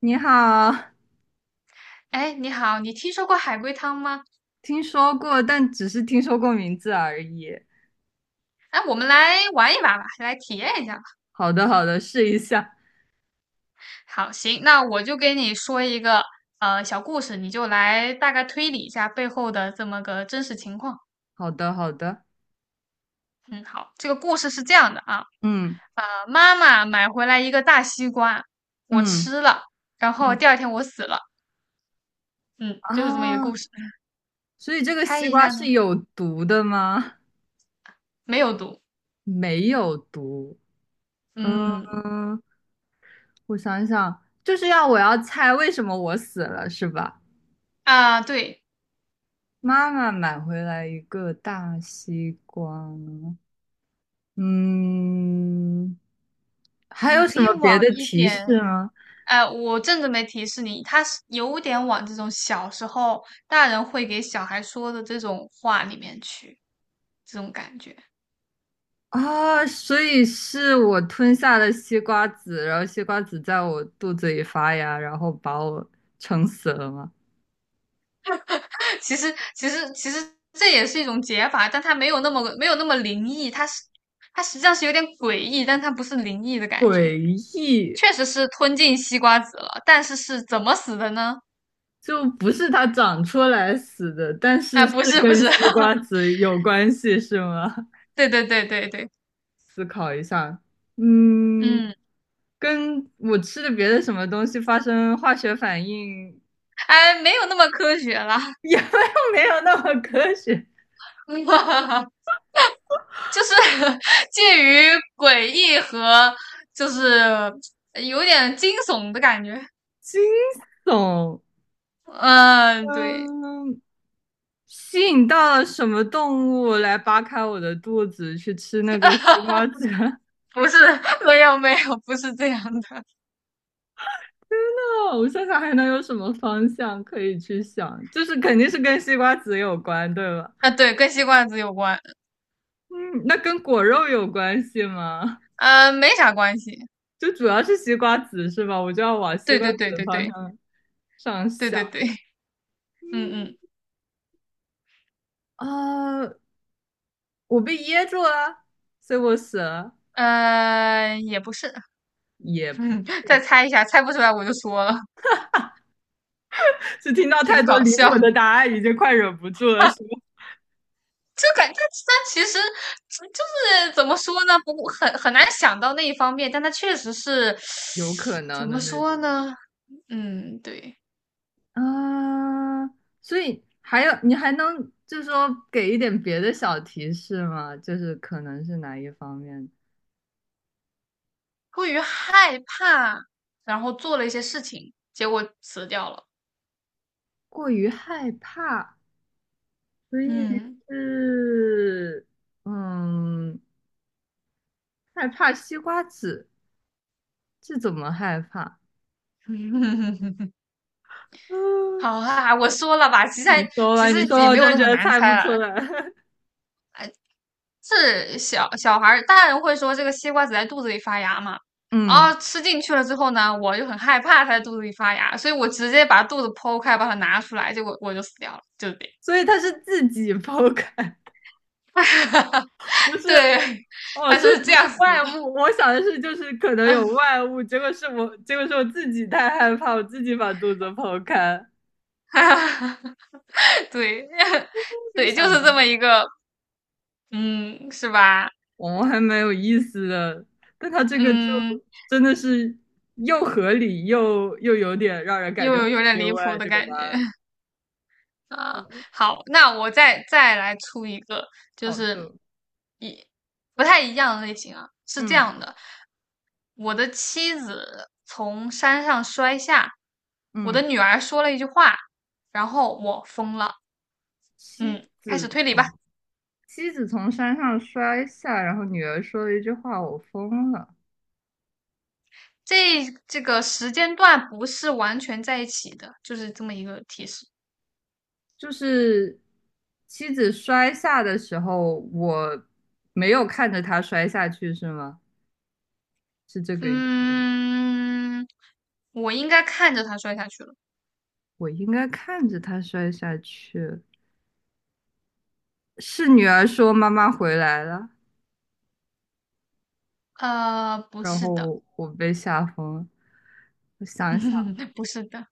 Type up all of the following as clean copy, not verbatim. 你好，哎，你好，你听说过海龟汤吗？听说过，但只是听说过名字而已。哎，我们来玩一把吧，来体验一下吧。好的，好的，试一下。好，行，那我就给你说一个小故事，你就来大概推理一下背后的这么个真实情况。好的，好的。嗯，好，这个故事是这样的啊，嗯，妈妈买回来一个大西瓜，我嗯，吃了，然后第嗯，二天我死了。嗯，啊，就是这么一个故事。所以这个猜西一瓜下呢？是有毒的吗？没有毒。没有毒。嗯，嗯，我想想，就是我要猜为什么我死了，是吧？啊，对，妈妈买回来一个大西瓜。嗯，还你有可什以么别的往一提点示吗？哎，我正准备提示你，他是有点往这种小时候大人会给小孩说的这种话里面去，这种感觉。啊，所以是我吞下了西瓜籽，然后西瓜籽在我肚子里发芽，然后把我撑死了吗？其实这也是一种解法，但它没有那么灵异，它是它实际上是有点诡异，但它不是灵异的感觉。诡异，确实是吞进西瓜籽了，但是是怎么死的呢？就不是它长出来死的，但哎，是是不是，不跟是，西瓜 籽有关系，是吗？对对对对对，思考一下，嗯，嗯，跟我吃的别的什么东西发生化学反应，哎，没有那么科学了。也 没有没有那么科学，就是 介于诡异和就是有点惊悚的感觉。惊悚，嗯，对，嗯。吸引到了什么动物来扒开我的肚子去吃那个西瓜 籽？天不是，没有没有，不是这样的。呐，我想想还能有什么方向可以去想？就是肯定是跟西瓜籽有关，对吧？啊，对，跟吸罐子有关，嗯，那跟果肉有关系吗？嗯，没啥关系。就主要是西瓜籽是吧？我就要往西对瓜对籽对的对方对向上对想。对对，嗯嗯。嗯，啊，我被噎住了，所以我死了，呃，也不是，也不嗯，再是，猜一下，猜不出来我就说了，是听到太挺多搞离谱笑。的答案，已经快忍不住了，是吗？就感觉他其实嗯就是怎么说呢，不很难想到那一方面，但他确实是有可怎能么的那说种呢？嗯，对，啊，所以还有你还能就是说给一点别的小提示吗？就是可能是哪一方面过于害怕，然后做了一些事情，结果死掉了。过于害怕，所以嗯，是嗯害怕西瓜籽，这怎么害怕？嗯，好啊，我说了吧，你说吧，其实你说吧，也我没就有那觉么得难猜不猜出了，来。是小小孩儿，大人会说这个西瓜只在肚子里发芽嘛，然嗯，后吃进去了之后呢，我就很害怕它在肚子里发芽，所以我直接把肚子剖开，把它拿出来，结果我就死掉了，就是这样。所以他是自己剖开，不是对，哦，它所是以这不是样死外的，物，我想的是就是可能有外物，结果是我，结果是我自己太害怕，我自己把肚子剖开，对，没对，想就是这到，么一个，嗯，是吧？哦，还蛮有意思的。但他这个就嗯，真的是又合理又有点让人感又觉有很点意离谱外，的这个答感觉。案。啊，哦，好，那我再来出一个，就好是的，一不太一样的类型啊，是这嗯，样的，我的妻子从山上摔下，我的嗯，女儿说了一句话，然后我疯了。妻嗯，开始子推理吧。从妻子从山上摔下，然后女儿说了一句话，我疯了。这个时间段不是完全在一起的，就是这么一个提示。就是妻子摔下的时候，我没有看着她摔下去，是吗？是这个意思？嗯，我应该看着他摔下去了。我应该看着她摔下去。是女儿说妈妈回来了，呃，不然是的，后我被吓疯了。我想想，不是的。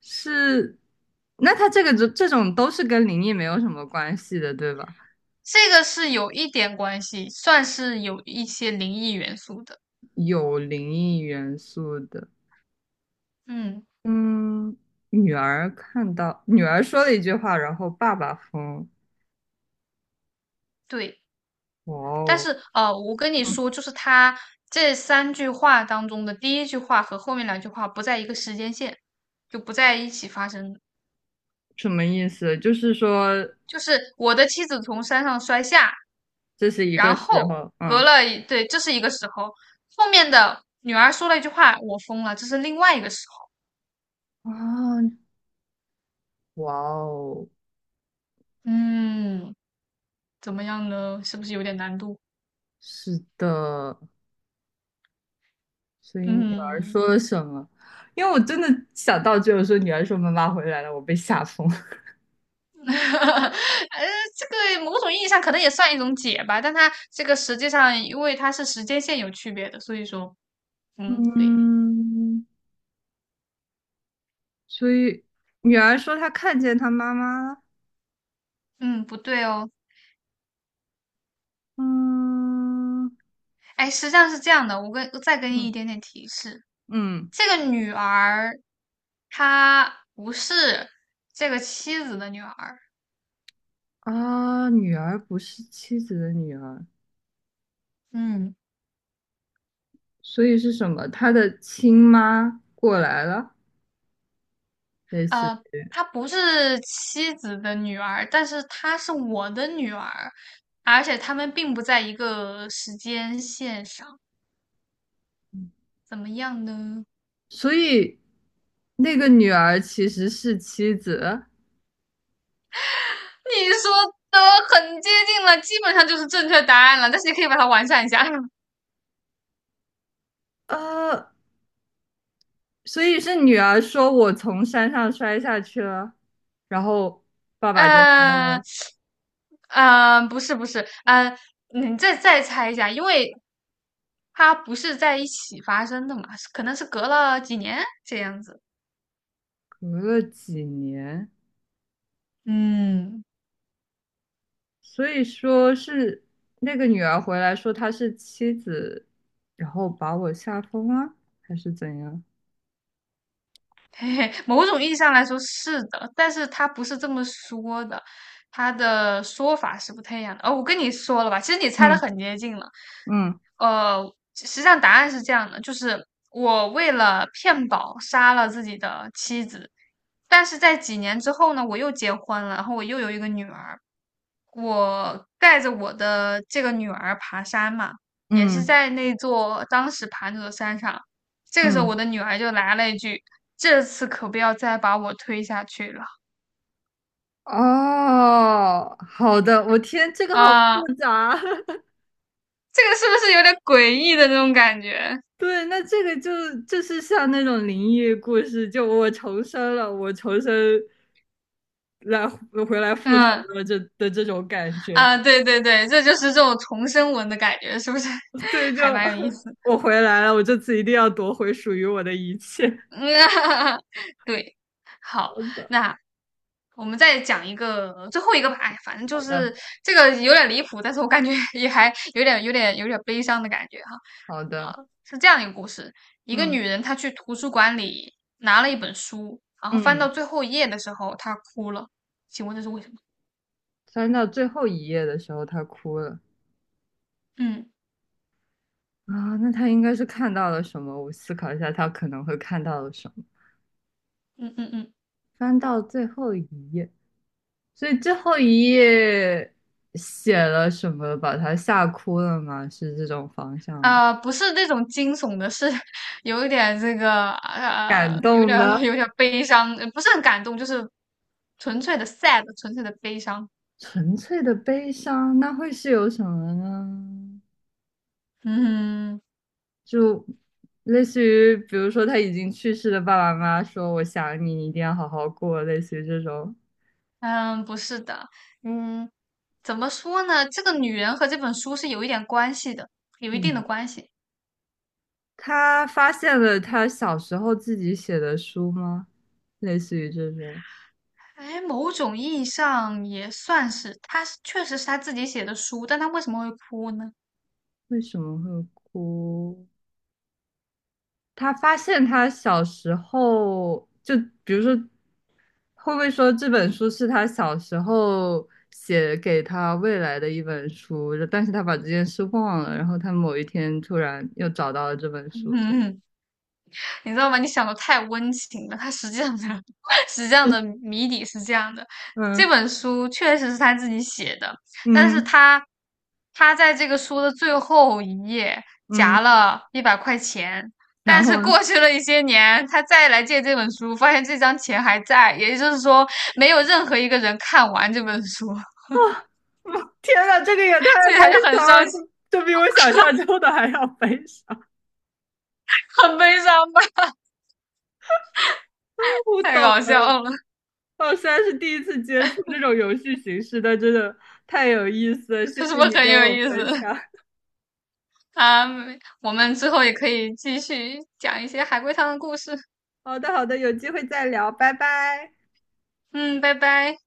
是，那他这个这种都是跟灵异没有什么关系的，对吧？这个是有一点关系，算是有一些灵异元素的。有灵异元素的，嗯，嗯，女儿说了一句话，然后爸爸疯，对。哇但哦，是我跟你说，就是他这三句话当中的第一句话和后面两句话不在一个时间线，就不在一起发生的什么意思？就是说就是我的妻子从山上摔下，这是一然个时后候，隔嗯，了一，对，这是一个时候。后面的女儿说了一句话，我疯了，这是另外一个时候。啊，哇哦，嗯，怎么样呢？是不是有点难度？是的，所以女儿嗯。说了什么？因为我真的想到只有说女儿说妈妈回来了，我被吓疯了。 呃，这个某种意义上可能也算一种解吧，但它这个实际上，因为它是时间线有区别的，所以说，嗯，对，嗯，所以女儿说她看见她妈妈了。嗯，不对哦。嗯，哎，实际上是这样的，我再给你嗯，一点点提示，嗯，这个女儿她不是这个妻子的女儿，啊，女儿不是妻子的女儿，嗯，所以是什么？她的亲妈过来了，类似。呃，她不是妻子的女儿，但是她是我的女儿，而且她们并不在一个时间线上，怎么样呢？所以那个女儿其实是妻子，你说的很接近了，基本上就是正确答案了，但是你可以把它完善一下。嗯、呃，所以是女儿说我从山上摔下去了，然后爸爸 就呃说不是不是，嗯、你再猜一下，因为它不是在一起发生的嘛，可能是隔了几年这样子。隔了几年，嗯，所以说是那个女儿回来说她是妻子，然后把我吓疯了，还是怎样？嘿嘿，某种意义上来说是的，但是他不是这么说的，他的说法是不太一样的。哦，我跟你说了吧，其实你猜的嗯，很接近了。嗯，呃，实际上答案是这样的，就是我为了骗保杀了自己的妻子，但是在几年之后呢，我又结婚了，然后我又有一个女儿。我带着我的这个女儿爬山嘛，也是嗯，在那座当时爬那座山上。这个时候，我嗯，的女儿就来了一句："这次可不要再把我推下去了哦，好的，我天，这个好啊！"复杂。这个是不是有点诡异的那种感觉？对，那这个就就是像那种灵异故事，就我重生了，我重生来回来复仇嗯了这的这种感觉。啊，对对对，这就是这种重生文的感觉，是不是 对，就 还蛮有意 思的？我回来了，我这次一定要夺回属于我的一切。对，好，好的，那我们再讲一个最后一个吧。哎，反正就好的，是这个有点离谱，但是我感觉 也还有点、有点、有点悲伤的感觉哈。好的，是这样一个故事：一个嗯，女人她去图书馆里拿了一本书，然后翻到嗯，最后一页的时候，她哭了。请问这是为什么？翻到最后一页的时候，他哭了。嗯啊，那他应该是看到了什么？我思考一下，他可能会看到了什么。嗯嗯嗯。翻到最后一页，所以最后一页写了什么，把他吓哭了吗？是这种方向吗？呃，不是那种惊悚的，是 有一点这个感有动点儿的，悲伤，不是很感动，就是纯粹的 sad,纯粹的悲伤。纯粹的悲伤，那会是有什么呢？嗯就类似于，比如说他已经去世的爸爸妈妈说：“我想你，你一定要好好过。”类似于这种。嗯，不是的，嗯，怎么说呢？这个女人和这本书是有一点关系的，有一定的嗯，关系。他发现了他小时候自己写的书吗？类似于这种，哎，某种意义上也算是，确实是她自己写的书，但她为什么会哭呢？为什么会哭？他发现他小时候，就比如说，会不会说这本书是他小时候写给他未来的一本书，但是他把这件事忘了，然后他某一天突然又找到了这本 书，这嗯你知道吗？你想的太温情了，它实际上的 实际上的谜底是这样的：这样。本书确实是他自己写的，但嗯，是嗯，他在这个书的最后一页嗯，夹了100块钱，然但是后呢？过去了一些年，他再来借这本书，发现这张钱还在，也就是说，没有任何一个人看完这本书，啊，天呐，这个也太 所以悲他就很伤伤了，心，这比我想 象中的还要悲伤。很悲伤吧？不太懂，搞笑了，我虽然是第一次接触这种游戏形式，但真的太有意思了，谢 是谢不你是很跟有我意分思？享。啊，我们之后也可以继续讲一些海龟汤的故事。好的，好的，有机会再聊，拜拜。嗯，拜拜。